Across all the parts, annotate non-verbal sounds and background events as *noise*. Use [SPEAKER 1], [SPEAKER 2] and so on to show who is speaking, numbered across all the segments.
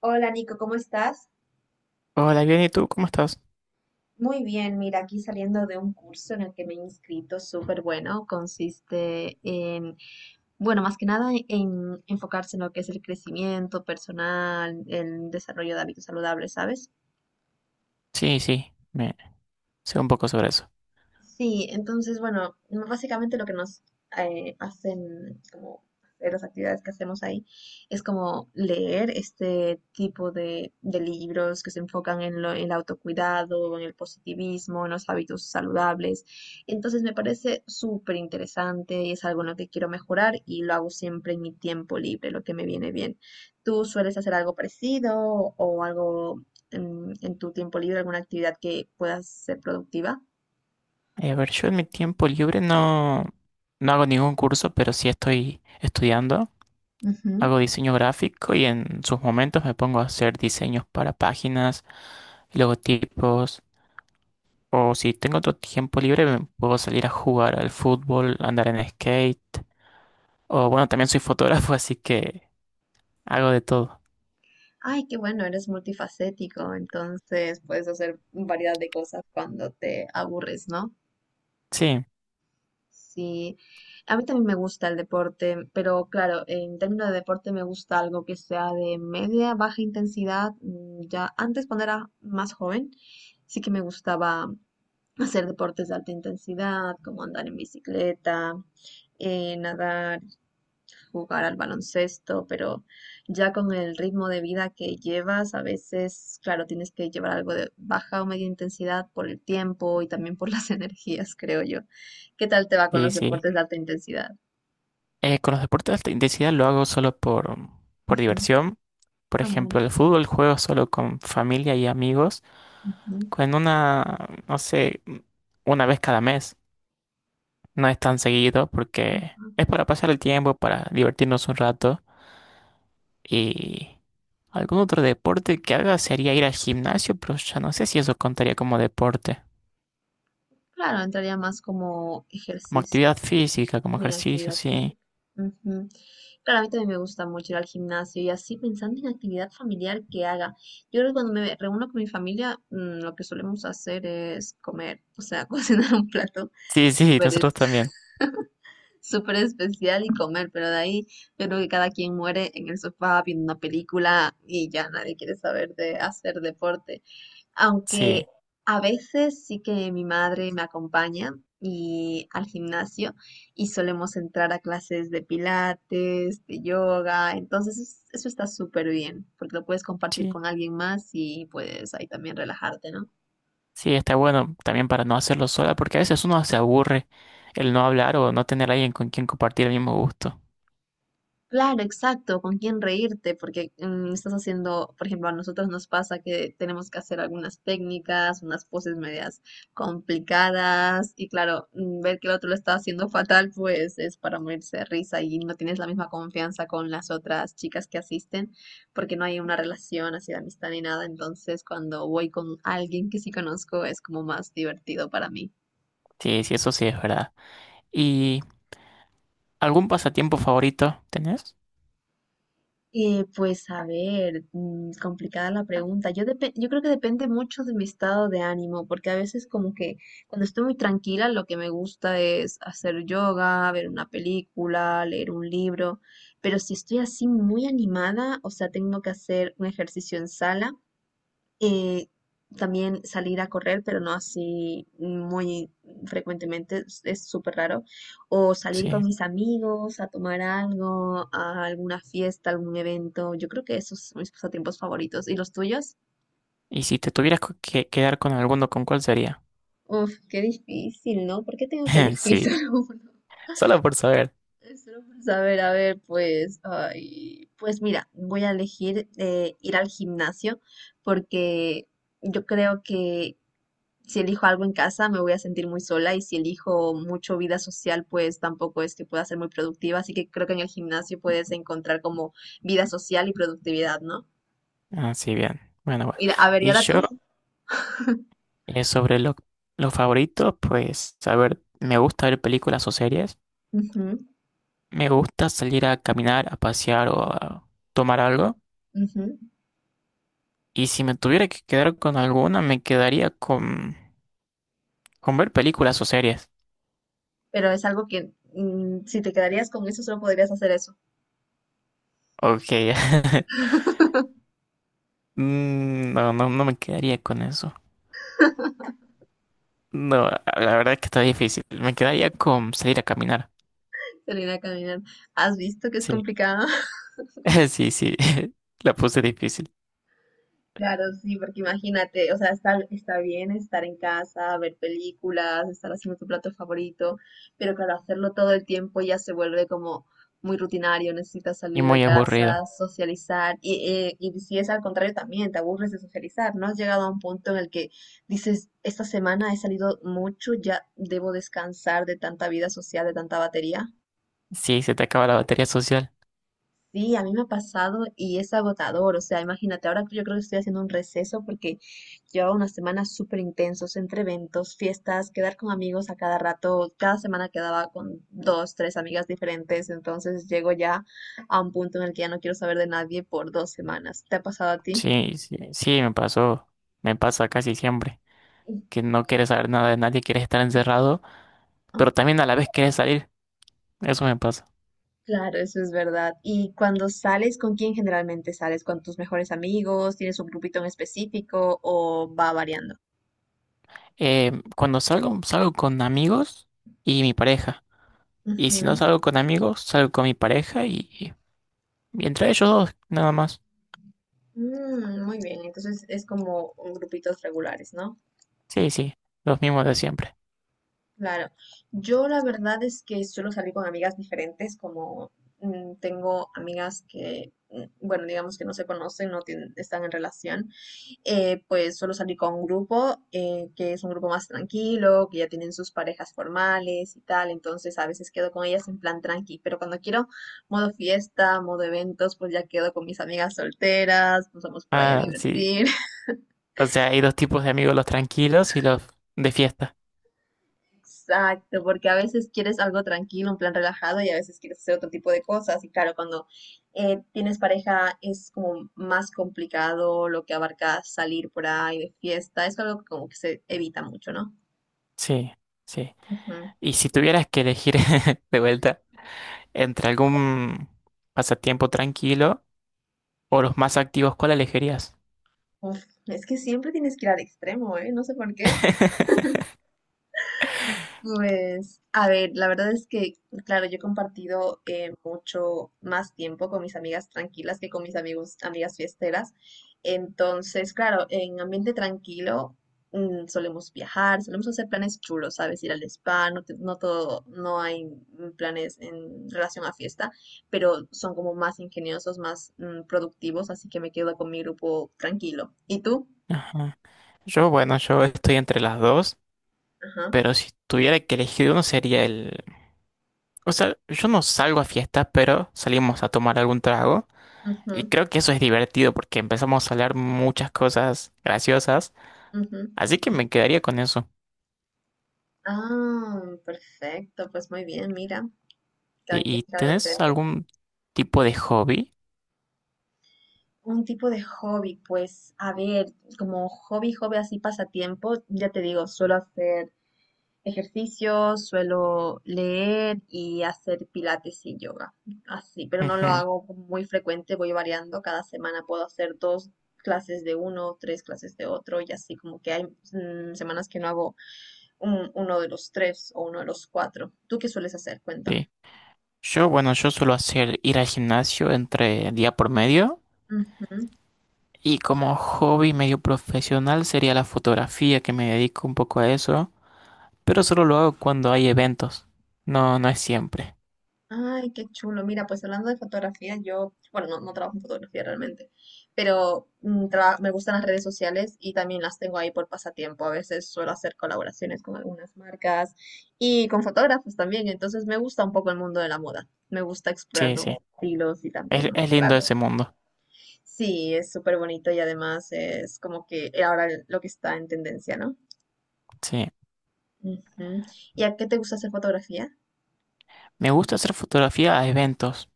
[SPEAKER 1] Hola Nico, ¿cómo estás?
[SPEAKER 2] Hola, bien, ¿y tú cómo estás?
[SPEAKER 1] Muy bien, mira, aquí saliendo de un curso en el que me he inscrito, súper bueno. Consiste en, bueno, más que nada en enfocarse en lo que es el crecimiento personal, el desarrollo de hábitos saludables, ¿sabes?
[SPEAKER 2] Sí, sí, me sé un poco sobre eso.
[SPEAKER 1] Sí, entonces, bueno, básicamente lo que nos hacen, como de las actividades que hacemos ahí, es como leer este tipo de libros que se enfocan en en el autocuidado, en el positivismo, en los hábitos saludables. Entonces me parece súper interesante y es algo en lo que quiero mejorar y lo hago siempre en mi tiempo libre, lo que me viene bien. ¿Tú sueles hacer algo parecido o algo en tu tiempo libre, alguna actividad que pueda ser productiva?
[SPEAKER 2] Yo en mi tiempo libre no, no hago ningún curso, pero sí estoy estudiando. Hago diseño gráfico y en sus momentos me pongo a hacer diseños para páginas, logotipos, o si tengo otro tiempo libre me puedo salir a jugar al fútbol, andar en skate, o bueno, también soy fotógrafo, *laughs* así que hago de todo.
[SPEAKER 1] Ay, qué bueno, eres multifacético, entonces puedes hacer variedad de cosas cuando te aburres, ¿no?
[SPEAKER 2] Sí,
[SPEAKER 1] Sí, a mí también me gusta el deporte, pero claro, en términos de deporte me gusta algo que sea de media, baja intensidad. Ya antes cuando era más joven, sí que me gustaba hacer deportes de alta intensidad, como andar en bicicleta, nadar, jugar al baloncesto, pero ya con el ritmo de vida que llevas, a veces, claro, tienes que llevar algo de baja o media intensidad por el tiempo y también por las *laughs* energías, creo yo. ¿Qué tal te va con
[SPEAKER 2] sí,
[SPEAKER 1] los
[SPEAKER 2] sí.
[SPEAKER 1] deportes de alta intensidad?
[SPEAKER 2] Con los deportes de alta intensidad lo hago solo por
[SPEAKER 1] Ujú,
[SPEAKER 2] diversión. Por
[SPEAKER 1] amor,
[SPEAKER 2] ejemplo, el fútbol juego solo con familia y amigos,
[SPEAKER 1] ujú,
[SPEAKER 2] con una, no sé, una vez cada mes. No es tan seguido porque
[SPEAKER 1] ujú.
[SPEAKER 2] es para pasar el tiempo, para divertirnos un rato. Y algún otro deporte que haga sería ir al gimnasio, pero ya no sé si eso contaría como deporte.
[SPEAKER 1] Claro, entraría más como
[SPEAKER 2] Como
[SPEAKER 1] ejercicio.
[SPEAKER 2] actividad física, como
[SPEAKER 1] De
[SPEAKER 2] ejercicio,
[SPEAKER 1] actividad
[SPEAKER 2] sí.
[SPEAKER 1] física. Ujú. Claro, a mí también me gusta mucho ir al gimnasio y así pensando en actividad familiar que haga. Yo creo que cuando me reúno con mi familia, lo que solemos hacer es comer, o sea, *laughs* cocinar un plato
[SPEAKER 2] Sí, sí, *laughs*
[SPEAKER 1] súper
[SPEAKER 2] nosotros
[SPEAKER 1] es-
[SPEAKER 2] también.
[SPEAKER 1] *laughs* súper especial y comer, pero de ahí yo creo que cada quien muere en el sofá viendo una película y ya nadie quiere saber de hacer deporte. Aunque
[SPEAKER 2] Sí,
[SPEAKER 1] a veces sí que mi madre me acompaña y al gimnasio y solemos entrar a clases de pilates, de yoga, entonces eso está súper bien porque lo puedes compartir
[SPEAKER 2] sí.
[SPEAKER 1] con alguien más y puedes ahí también relajarte, ¿no?
[SPEAKER 2] Sí, está bueno también para no hacerlo sola, porque a veces uno se aburre el no hablar o no tener a alguien con quien compartir el mismo gusto.
[SPEAKER 1] Claro, exacto, con quién reírte, porque estás haciendo, por ejemplo, a nosotros nos pasa que tenemos que hacer algunas técnicas, unas poses medias complicadas, y claro, ver que el otro lo está haciendo fatal, pues es para morirse de risa y no tienes la misma confianza con las otras chicas que asisten, porque no hay una relación así de amistad ni nada, entonces cuando voy con alguien que sí conozco es como más divertido para mí.
[SPEAKER 2] Sí, sí, eso sí es verdad. ¿Y algún pasatiempo favorito tenés?
[SPEAKER 1] Pues a ver, complicada la pregunta. Yo, yo creo que depende mucho de mi estado de ánimo, porque a veces como que cuando estoy muy tranquila lo que me gusta es hacer yoga, ver una película, leer un libro, pero si estoy así muy animada, o sea, tengo que hacer un ejercicio en sala, eh, también salir a correr, pero no así muy frecuentemente, es súper raro. O salir con
[SPEAKER 2] Sí.
[SPEAKER 1] mis amigos a tomar algo, a alguna fiesta, algún evento. Yo creo que esos son mis pasatiempos favoritos. ¿Y los tuyos?
[SPEAKER 2] Y si te tuvieras que quedar con alguno, ¿con cuál sería?
[SPEAKER 1] Uf, qué difícil, ¿no? ¿Por qué tengo que
[SPEAKER 2] *laughs*
[SPEAKER 1] elegir *laughs*
[SPEAKER 2] Sí,
[SPEAKER 1] solo uno?
[SPEAKER 2] solo por saber.
[SPEAKER 1] Es solo por saber, a ver, pues, ay, pues mira, voy a elegir ir al gimnasio porque yo creo que si elijo algo en casa, me voy a sentir muy sola y si elijo mucho vida social, pues tampoco es que pueda ser muy productiva. Así que creo que en el gimnasio puedes encontrar como vida social y productividad, ¿no?
[SPEAKER 2] Ah, sí, bien. Bueno, bueno.
[SPEAKER 1] Y, a ver, ¿y
[SPEAKER 2] Y
[SPEAKER 1] ahora
[SPEAKER 2] yo,
[SPEAKER 1] tú?
[SPEAKER 2] sobre los favoritos, pues, a ver, me gusta ver películas o series.
[SPEAKER 1] Ujú,
[SPEAKER 2] Me gusta salir a caminar, a pasear o a tomar algo.
[SPEAKER 1] ujú.
[SPEAKER 2] Y si me tuviera que quedar con alguna, me quedaría con ver películas o series.
[SPEAKER 1] Pero es algo que, si te quedarías con eso, solo podrías hacer eso,
[SPEAKER 2] Ok. *laughs* No, no, no me quedaría con eso. No, la verdad es que está difícil. Me quedaría con salir a caminar.
[SPEAKER 1] salir a caminar. ¿Has visto que es
[SPEAKER 2] Sí,
[SPEAKER 1] complicado?
[SPEAKER 2] *laughs* sí, sí. *laughs* La puse difícil
[SPEAKER 1] Claro, sí, porque imagínate, o sea, está bien estar en casa, ver películas, estar haciendo tu plato favorito, pero claro, hacerlo todo el tiempo ya se vuelve como muy rutinario, necesitas
[SPEAKER 2] y
[SPEAKER 1] salir de
[SPEAKER 2] muy
[SPEAKER 1] casa,
[SPEAKER 2] aburrido.
[SPEAKER 1] socializar, y si es al contrario también, te aburres de socializar, ¿no? Has llegado a un punto en el que dices, esta semana he salido mucho, ya debo descansar de tanta vida social, de tanta batería.
[SPEAKER 2] Sí, se te acaba la batería social.
[SPEAKER 1] Sí, a mí me ha pasado y es agotador. O sea, imagínate, ahora yo creo que estoy haciendo un receso porque llevaba unas semanas súper intensos entre eventos, fiestas, quedar con amigos a cada rato. Cada semana quedaba con dos, tres amigas diferentes. Entonces llego ya a un punto en el que ya no quiero saber de nadie por dos semanas. ¿Te ha pasado a ti?
[SPEAKER 2] Sí, sí, sí, me pasó. Me pasa casi siempre.
[SPEAKER 1] Y
[SPEAKER 2] Que no quieres saber nada de nadie, quieres estar encerrado,
[SPEAKER 1] ah,
[SPEAKER 2] pero también a la vez quieres salir. Eso me pasa.
[SPEAKER 1] claro, eso es verdad. ¿Y cuando sales, con quién generalmente sales? ¿Con tus mejores amigos? ¿Tienes un grupito en específico o va variando?
[SPEAKER 2] Cuando salgo, salgo con amigos y mi pareja. Y si no salgo con amigos, salgo con mi pareja y entre ellos dos, nada más.
[SPEAKER 1] Mm, muy bien, entonces es como un grupitos regulares, ¿no?
[SPEAKER 2] Sí, sí, los mismos de siempre.
[SPEAKER 1] Claro. Yo la verdad es que suelo salir con amigas diferentes, como tengo amigas que, bueno, digamos que no se conocen, no tienen- están en relación, pues suelo salir con un grupo, que es un grupo más tranquilo, que ya tienen sus parejas formales y tal, entonces a veces quedo con ellas en plan tranqui, pero cuando quiero modo fiesta, modo eventos, pues ya quedo con mis amigas solteras, nos vamos por ahí a
[SPEAKER 2] Ah, sí.
[SPEAKER 1] divertir.
[SPEAKER 2] O sea, hay dos tipos de amigos, los tranquilos y los de fiesta.
[SPEAKER 1] Exacto, porque a veces quieres algo tranquilo, un plan relajado y a veces quieres hacer otro tipo de cosas. Y claro, cuando tienes pareja es como más complicado lo que abarca salir por ahí de fiesta. Es algo que como que se evita mucho, ¿no?
[SPEAKER 2] Sí, sí.
[SPEAKER 1] Ujú.
[SPEAKER 2] Y si tuvieras que elegir *laughs* de vuelta entre algún pasatiempo tranquilo o los más activos, ¿cuál elegirías?
[SPEAKER 1] Uf, es que siempre tienes que ir al extremo, ¿eh? No sé por qué.
[SPEAKER 2] *laughs*
[SPEAKER 1] Pues, a ver, la verdad es que, claro, yo he compartido mucho más tiempo con mis amigas tranquilas que con mis amigas fiesteras. Entonces, claro, en ambiente tranquilo, solemos viajar, solemos hacer planes chulos, ¿sabes? Ir al spa, no, no todo, no hay, planes en relación a fiesta, pero son como más ingeniosos, más, productivos, así que me quedo con mi grupo tranquilo. ¿Y tú?
[SPEAKER 2] Yo, bueno, yo estoy entre las dos,
[SPEAKER 1] Ajá.
[SPEAKER 2] pero si tuviera que elegir uno sería el... O sea, yo no salgo a fiestas, pero salimos a tomar algún trago. Y
[SPEAKER 1] Ujú,
[SPEAKER 2] creo que eso es divertido porque empezamos a hablar muchas cosas graciosas.
[SPEAKER 1] ujú.
[SPEAKER 2] Así que me quedaría con eso.
[SPEAKER 1] Ah, perfecto, pues muy bien, mira, cada
[SPEAKER 2] ¿
[SPEAKER 1] quien
[SPEAKER 2] y
[SPEAKER 1] es algo
[SPEAKER 2] tenés
[SPEAKER 1] diferente.
[SPEAKER 2] algún tipo de hobby?
[SPEAKER 1] Un tipo de hobby, pues, a ver, como hobby, hobby así pasatiempo, ya te digo, suelo hacer ejercicio, suelo leer y hacer pilates y yoga, así, pero no lo
[SPEAKER 2] Ujú,
[SPEAKER 1] hago muy frecuente, voy variando, cada semana puedo hacer dos clases de uno, tres clases de otro y así, como que hay, semanas que no hago uno de los tres o uno de los cuatro. ¿Tú qué sueles hacer?
[SPEAKER 2] sí.
[SPEAKER 1] Cuéntame.
[SPEAKER 2] Yo, bueno, yo suelo hacer ir al gimnasio entre día por medio.
[SPEAKER 1] Ujú.
[SPEAKER 2] Y como hobby medio profesional sería la fotografía, que me dedico un poco a eso. Pero solo lo hago cuando hay eventos. No, no es siempre.
[SPEAKER 1] Ay, qué chulo. Mira, pues hablando de fotografía, yo, bueno, no, no trabajo en fotografía realmente, pero me gustan las redes sociales y también las tengo ahí por pasatiempo. A veces suelo hacer colaboraciones con algunas marcas y con fotógrafos también. Entonces me gusta un poco el mundo de la moda. Me gusta explorar
[SPEAKER 2] Sí, sí.
[SPEAKER 1] nuevos estilos y también
[SPEAKER 2] Es
[SPEAKER 1] mostrar.
[SPEAKER 2] lindo ese mundo.
[SPEAKER 1] Sí, es súper bonito y además es como que ahora lo que está en tendencia, ¿no?
[SPEAKER 2] Sí.
[SPEAKER 1] Ujú. ¿Y a qué te gusta hacer fotografía?
[SPEAKER 2] Me gusta hacer fotografía a eventos.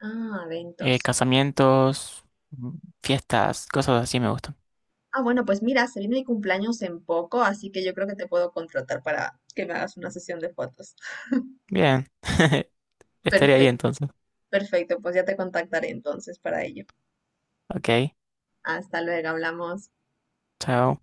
[SPEAKER 1] Ah, eventos.
[SPEAKER 2] Casamientos, mm, fiestas, cosas así me gustan.
[SPEAKER 1] Ah, bueno, pues mira, se viene mi cumpleaños en poco, así que yo creo que te puedo contratar para que me hagas una sesión de fotos.
[SPEAKER 2] Bien. *laughs* Estaría ahí
[SPEAKER 1] Perfecto,
[SPEAKER 2] entonces.
[SPEAKER 1] perfecto, pues ya te contactaré entonces para ello.
[SPEAKER 2] Ok.
[SPEAKER 1] Hasta luego, hablamos.
[SPEAKER 2] Chao.